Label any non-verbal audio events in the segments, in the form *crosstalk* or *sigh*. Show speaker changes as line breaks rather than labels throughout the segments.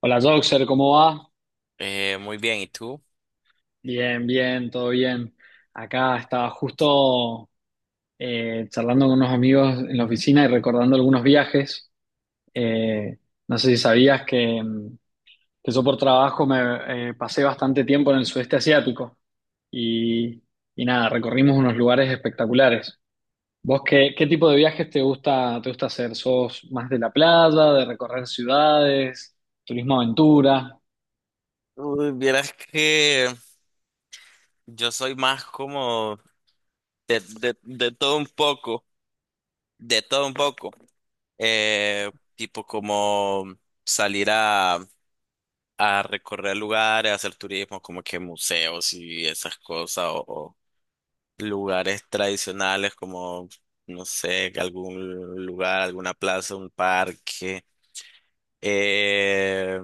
Hola Joxer, ¿cómo va?
Muy bien, ¿y tú?
Bien, bien, todo bien. Acá estaba justo charlando con unos amigos en la oficina y recordando algunos viajes. Eh, no sé si sabías que, que yo por trabajo me pasé bastante tiempo en el sudeste asiático y, y nada, recorrimos unos lugares espectaculares. ¿Vos qué tipo de viajes te gusta hacer? ¿Sos más de la playa, de recorrer ciudades, turismo aventura?
Uy, vieras que yo soy más como de todo un poco, de todo un poco. Tipo como salir a recorrer lugares, hacer turismo, como que museos y esas cosas, o lugares tradicionales como, no sé, algún lugar, alguna plaza, un parque. Eh,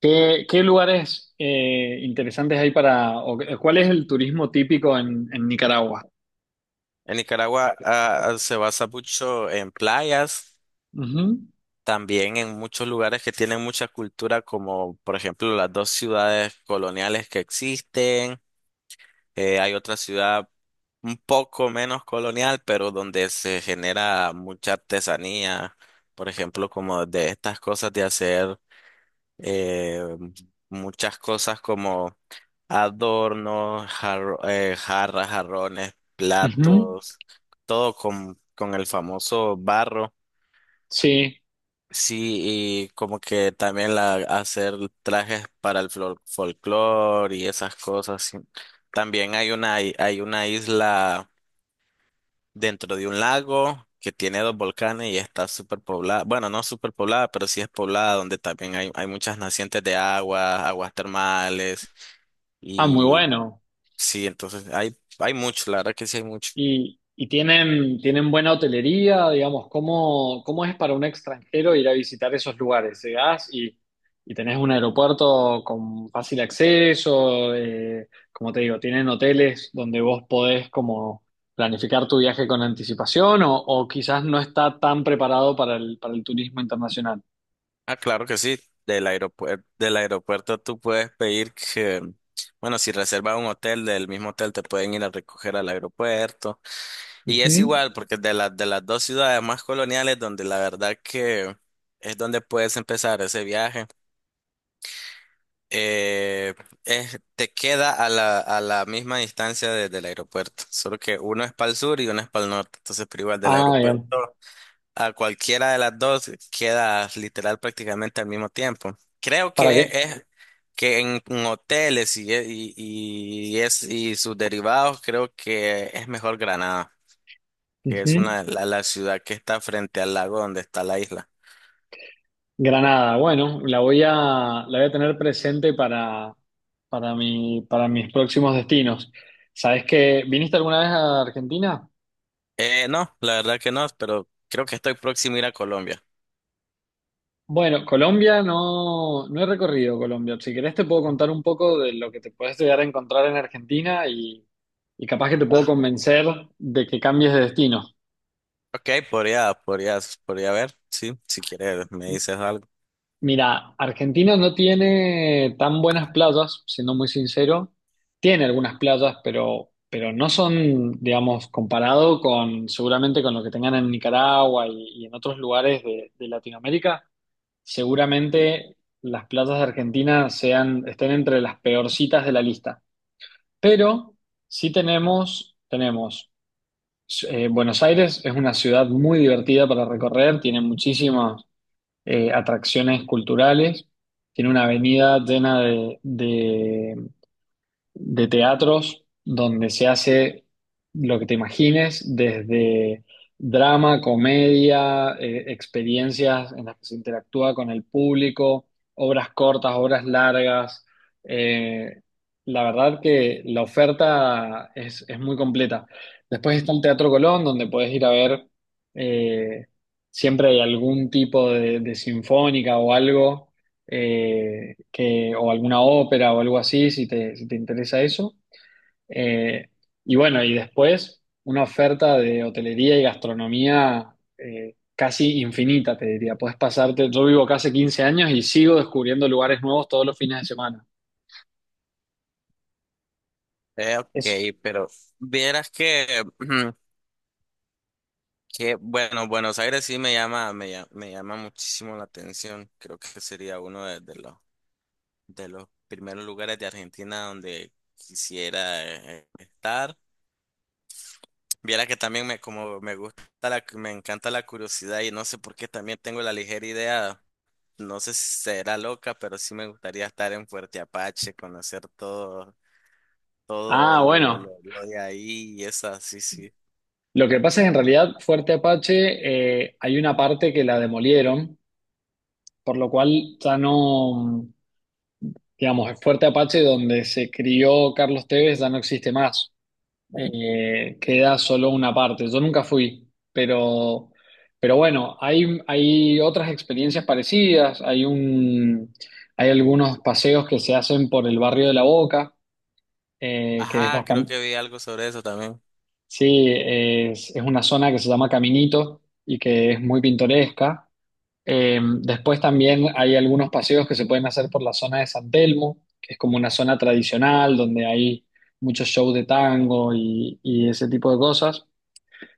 Qué lugares interesantes hay cuál es el turismo típico en Nicaragua?
En Nicaragua se basa mucho en playas,
Ujú,
también en muchos lugares que tienen mucha cultura, como por ejemplo las dos ciudades coloniales que existen. Hay otra ciudad un poco menos colonial, pero donde se genera mucha artesanía, por ejemplo, como de estas cosas de hacer eh, muchas cosas como adornos, jarras, jarrones,
ujú,
platos, todo con el famoso barro.
sí,
Sí, y como que también hacer trajes para el folclore y esas cosas. Sí. También hay una isla dentro de un lago que tiene dos volcanes y está súper poblada. Bueno, no súper poblada, pero sí es poblada, donde también hay muchas nacientes de agua, aguas termales.
ah, muy bueno.
Sí, entonces hay mucho, la verdad que sí hay mucho.
Y tienen buena hotelería, digamos, cómo es para un extranjero ir a visitar esos lugares? Llegás y tenés un aeropuerto con fácil acceso, como te digo, tienen hoteles donde vos podés como planificar tu viaje con anticipación o quizás no está tan preparado para para el turismo internacional.
Ah, claro que sí. Del aeropuerto tú puedes pedir que, bueno, si reservas un hotel, del mismo hotel te pueden ir a recoger al aeropuerto. Y es
Ujú.
igual, porque de las dos ciudades más coloniales, donde la verdad que es donde puedes empezar ese viaje, eh, te queda a a la misma distancia desde el aeropuerto. Solo que uno es para el sur y uno es para el norte. Entonces, pero igual del
Ah,
aeropuerto,
bien.
a cualquiera de las dos queda literal prácticamente al mismo tiempo. Creo
¿Para
que
qué?
es que en hoteles y sus derivados, creo que es mejor Granada, que es
Ujú.
la ciudad que está frente al lago donde está la isla.
Granada, bueno, la voy a tener presente para para mis próximos destinos. ¿Sabes que viniste alguna vez a Argentina?
No, la verdad que no, pero creo que estoy próximo a ir a Colombia.
Bueno, Colombia no, no he recorrido Colombia. Si querés te puedo contar un poco de lo que te puedes llegar a encontrar en Argentina y capaz que te puedo
Ah,
convencer de que cambies de destino.
ok, podría, podría, podría ver, sí, si quieres me dices algo.
Mira, Argentina no tiene tan buenas playas, siendo muy sincero. Tiene algunas playas, pero no son, digamos, comparado con seguramente con lo que tengan en Nicaragua y en otros lugares de Latinoamérica. Seguramente las playas de Argentina sean, estén entre las peorcitas de la lista. Pero sí tenemos, Buenos Aires es una ciudad muy divertida para recorrer, tiene muchísimos atracciones culturales, tiene una avenida llena de teatros donde se hace lo que te imagines, desde drama, comedia, experiencias en las que se interactúa con el público, obras cortas, obras largas. Eh, la verdad que la oferta es muy completa. Después está el Teatro Colón, donde puedes ir a ver, eh, siempre hay algún tipo de sinfónica o algo o alguna ópera o algo así, si te interesa eso. Eh, y bueno, y después una oferta de hotelería y gastronomía casi infinita, te diría. Puedes pasarte, yo vivo acá hace 15 años y sigo descubriendo lugares nuevos todos los fines de semana. Es,
Ok, pero vieras que *clears throat* que bueno, Buenos Aires sí me llama, me llama, me llama muchísimo la atención. Creo que sería uno de los primeros lugares de Argentina donde quisiera estar. Viera que también me gusta me encanta la curiosidad y no sé por qué también tengo la ligera idea, no sé si será loca, pero sí me gustaría estar en Fuerte Apache, conocer todo, todo
ah, bueno,
lo de ahí y esa, sí, sí.
lo que pasa es que en realidad Fuerte Apache hay una parte que la demolieron, por lo cual ya no... Digamos, el Fuerte Apache, donde se crió Carlos Tevez, ya no existe más. Eh, queda solo una parte. Yo nunca fui, pero bueno, hay otras experiencias parecidas. Hay algunos paseos que se hacen por el barrio de La Boca, que es
Ajá, creo
bastante,
que vi algo sobre eso también.
sí, es una zona que se llama Caminito y que es muy pintoresca. Después también hay algunos paseos que se pueden hacer por la zona de San Telmo, que es como una zona tradicional donde hay muchos shows de tango y ese tipo de cosas.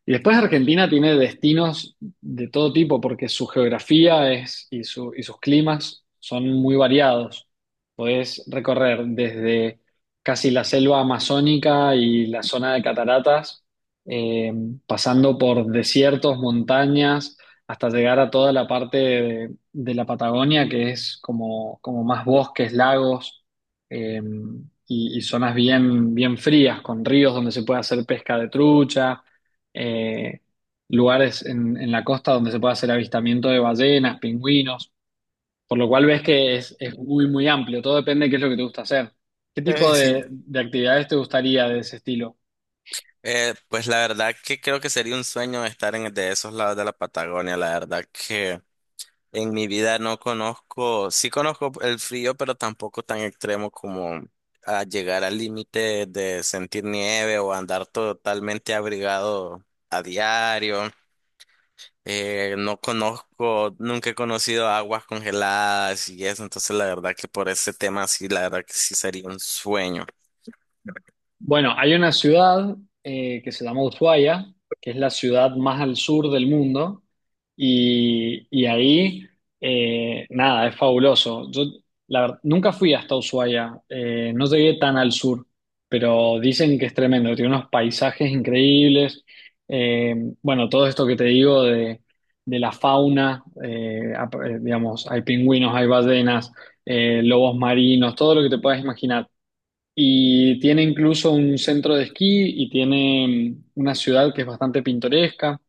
Y después Argentina tiene destinos de todo tipo porque su geografía y sus climas son muy variados. Podés recorrer desde casi la selva amazónica y la zona de cataratas, eh, pasando por desiertos, montañas, hasta llegar a toda la parte de la Patagonia, que es como, como más bosques, lagos, eh, y zonas bien, bien frías, con ríos donde se puede hacer pesca de trucha eh, lugares en la costa donde se puede hacer avistamiento de ballenas, pingüinos, por lo cual ves que es muy, muy amplio. Todo depende de qué es lo que te gusta hacer. ¿Qué tipo
Sí.
de actividades te gustaría de ese estilo?
Pues la verdad que creo que sería un sueño estar en de esos lados de la Patagonia. La verdad que en mi vida no conozco, sí conozco el frío, pero tampoco tan extremo como a llegar al límite de sentir nieve o andar totalmente abrigado a diario. No conozco, nunca he conocido aguas congeladas y eso, entonces la verdad que por ese tema sí, la verdad que sí sería un sueño.
Bueno, hay una ciudad que se llama Ushuaia, que es la ciudad más al sur del mundo, y ahí, nada, es fabuloso. Yo, la verdad, nunca fui hasta Ushuaia, no llegué tan al sur, pero dicen que es tremendo, que tiene unos paisajes increíbles. Eh, bueno, todo esto que te digo de la fauna, digamos, hay pingüinos, hay ballenas, lobos marinos, todo lo que te puedas imaginar. Y tiene incluso un centro de esquí y tiene una ciudad que es bastante pintoresca.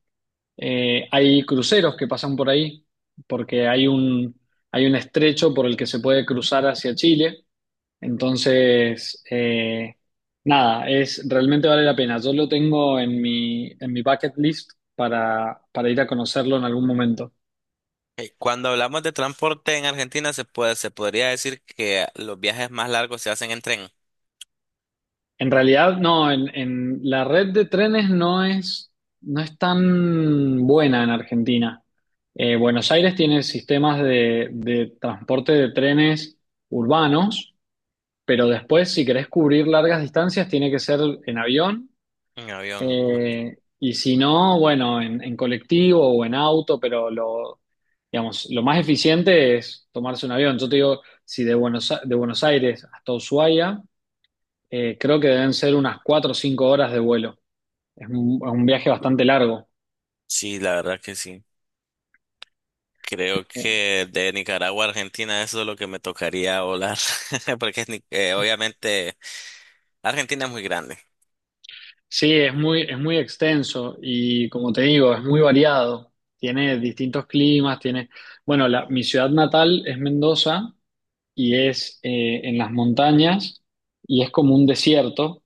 Hay cruceros que pasan por ahí porque hay un estrecho por el que se puede cruzar hacia Chile. Entonces, nada, es, realmente vale la pena. Yo lo tengo en en mi bucket list para ir a conocerlo en algún momento.
Cuando hablamos de transporte en Argentina, se puede, se podría decir que los viajes más largos se hacen en tren,
En realidad, no, en la red de trenes no es tan buena en Argentina. Buenos Aires tiene sistemas de transporte de trenes urbanos, pero después, si querés cubrir largas distancias, tiene que ser en avión.
en avión.
Eh, y si no, bueno, en colectivo o en auto, digamos, lo más eficiente es tomarse un avión. Yo te digo, si de Buenos Aires hasta Ushuaia creo que deben ser unas cuatro o cinco horas de vuelo. Es un viaje bastante largo.
Sí, la verdad que sí. Creo
Eh,
que de Nicaragua a Argentina eso es lo que me tocaría volar, *laughs* porque es obviamente Argentina es muy grande.
sí, es es muy extenso y como te digo, es muy variado. Tiene distintos climas, tiene... Bueno, mi ciudad natal es Mendoza y es en las montañas y es como un desierto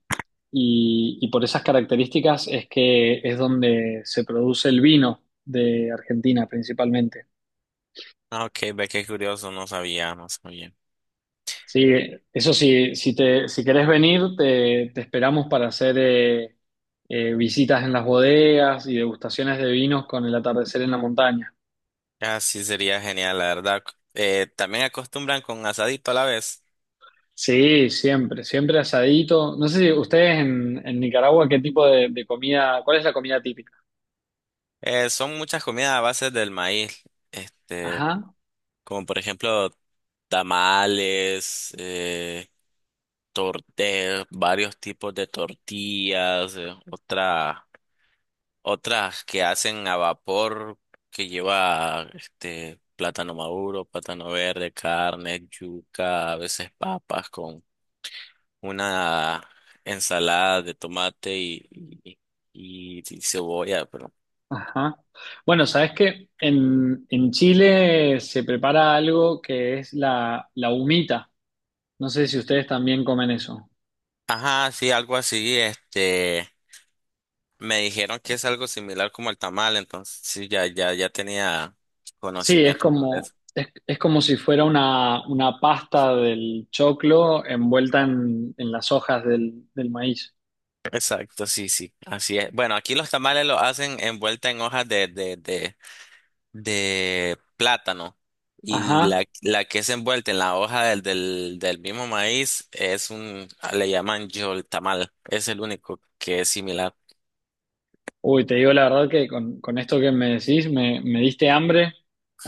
y por esas características es que es donde se produce el vino de Argentina principalmente.
Ah, ok, ve qué curioso, no sabía, no sabía.
Sí, eso sí, si querés venir, te esperamos para hacer visitas en las bodegas y degustaciones de vinos con el atardecer en la montaña.
Ah, sí, sería genial, la verdad. También acostumbran con asadito a la vez.
Sí, siempre, siempre asadito. No sé si ustedes en Nicaragua, ¿qué tipo de comida, cuál es la comida típica?
Son muchas comidas a base del maíz. Este,
Ajá,
como por ejemplo tamales, varios tipos de tortillas, otras que hacen a vapor que lleva este plátano maduro, plátano verde, carne, yuca, a veces papas con una ensalada de tomate y cebolla, pero
ajá. Bueno, sabes que en Chile se prepara algo que es la humita. No sé si ustedes también comen eso.
ajá, sí, algo así, este me dijeron que es algo similar como el tamal, entonces sí, ya, ya, ya tenía
Sí,
conocimiento sobre eso.
es como si fuera una pasta del choclo envuelta en las hojas del maíz.
Exacto, sí, sí, así es. Bueno, aquí los tamales lo hacen envuelta en hojas de plátano y
Ajá.
la que es envuelta en la hoja del mismo maíz es un, le llaman yol tamal, es el único que es similar. *laughs*
Uy, te digo la verdad que con esto que me decís me diste hambre,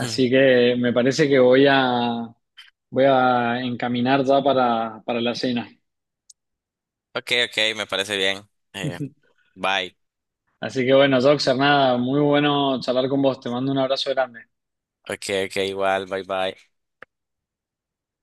Hmm.
que me parece que voy a encaminar ya para la cena.
Ok, ok, me parece bien.
*laughs*
Bye.
Así que bueno, Joxer, nada, muy bueno charlar con vos, te mando un abrazo grande.
Ok, ok, igual, bye, bye.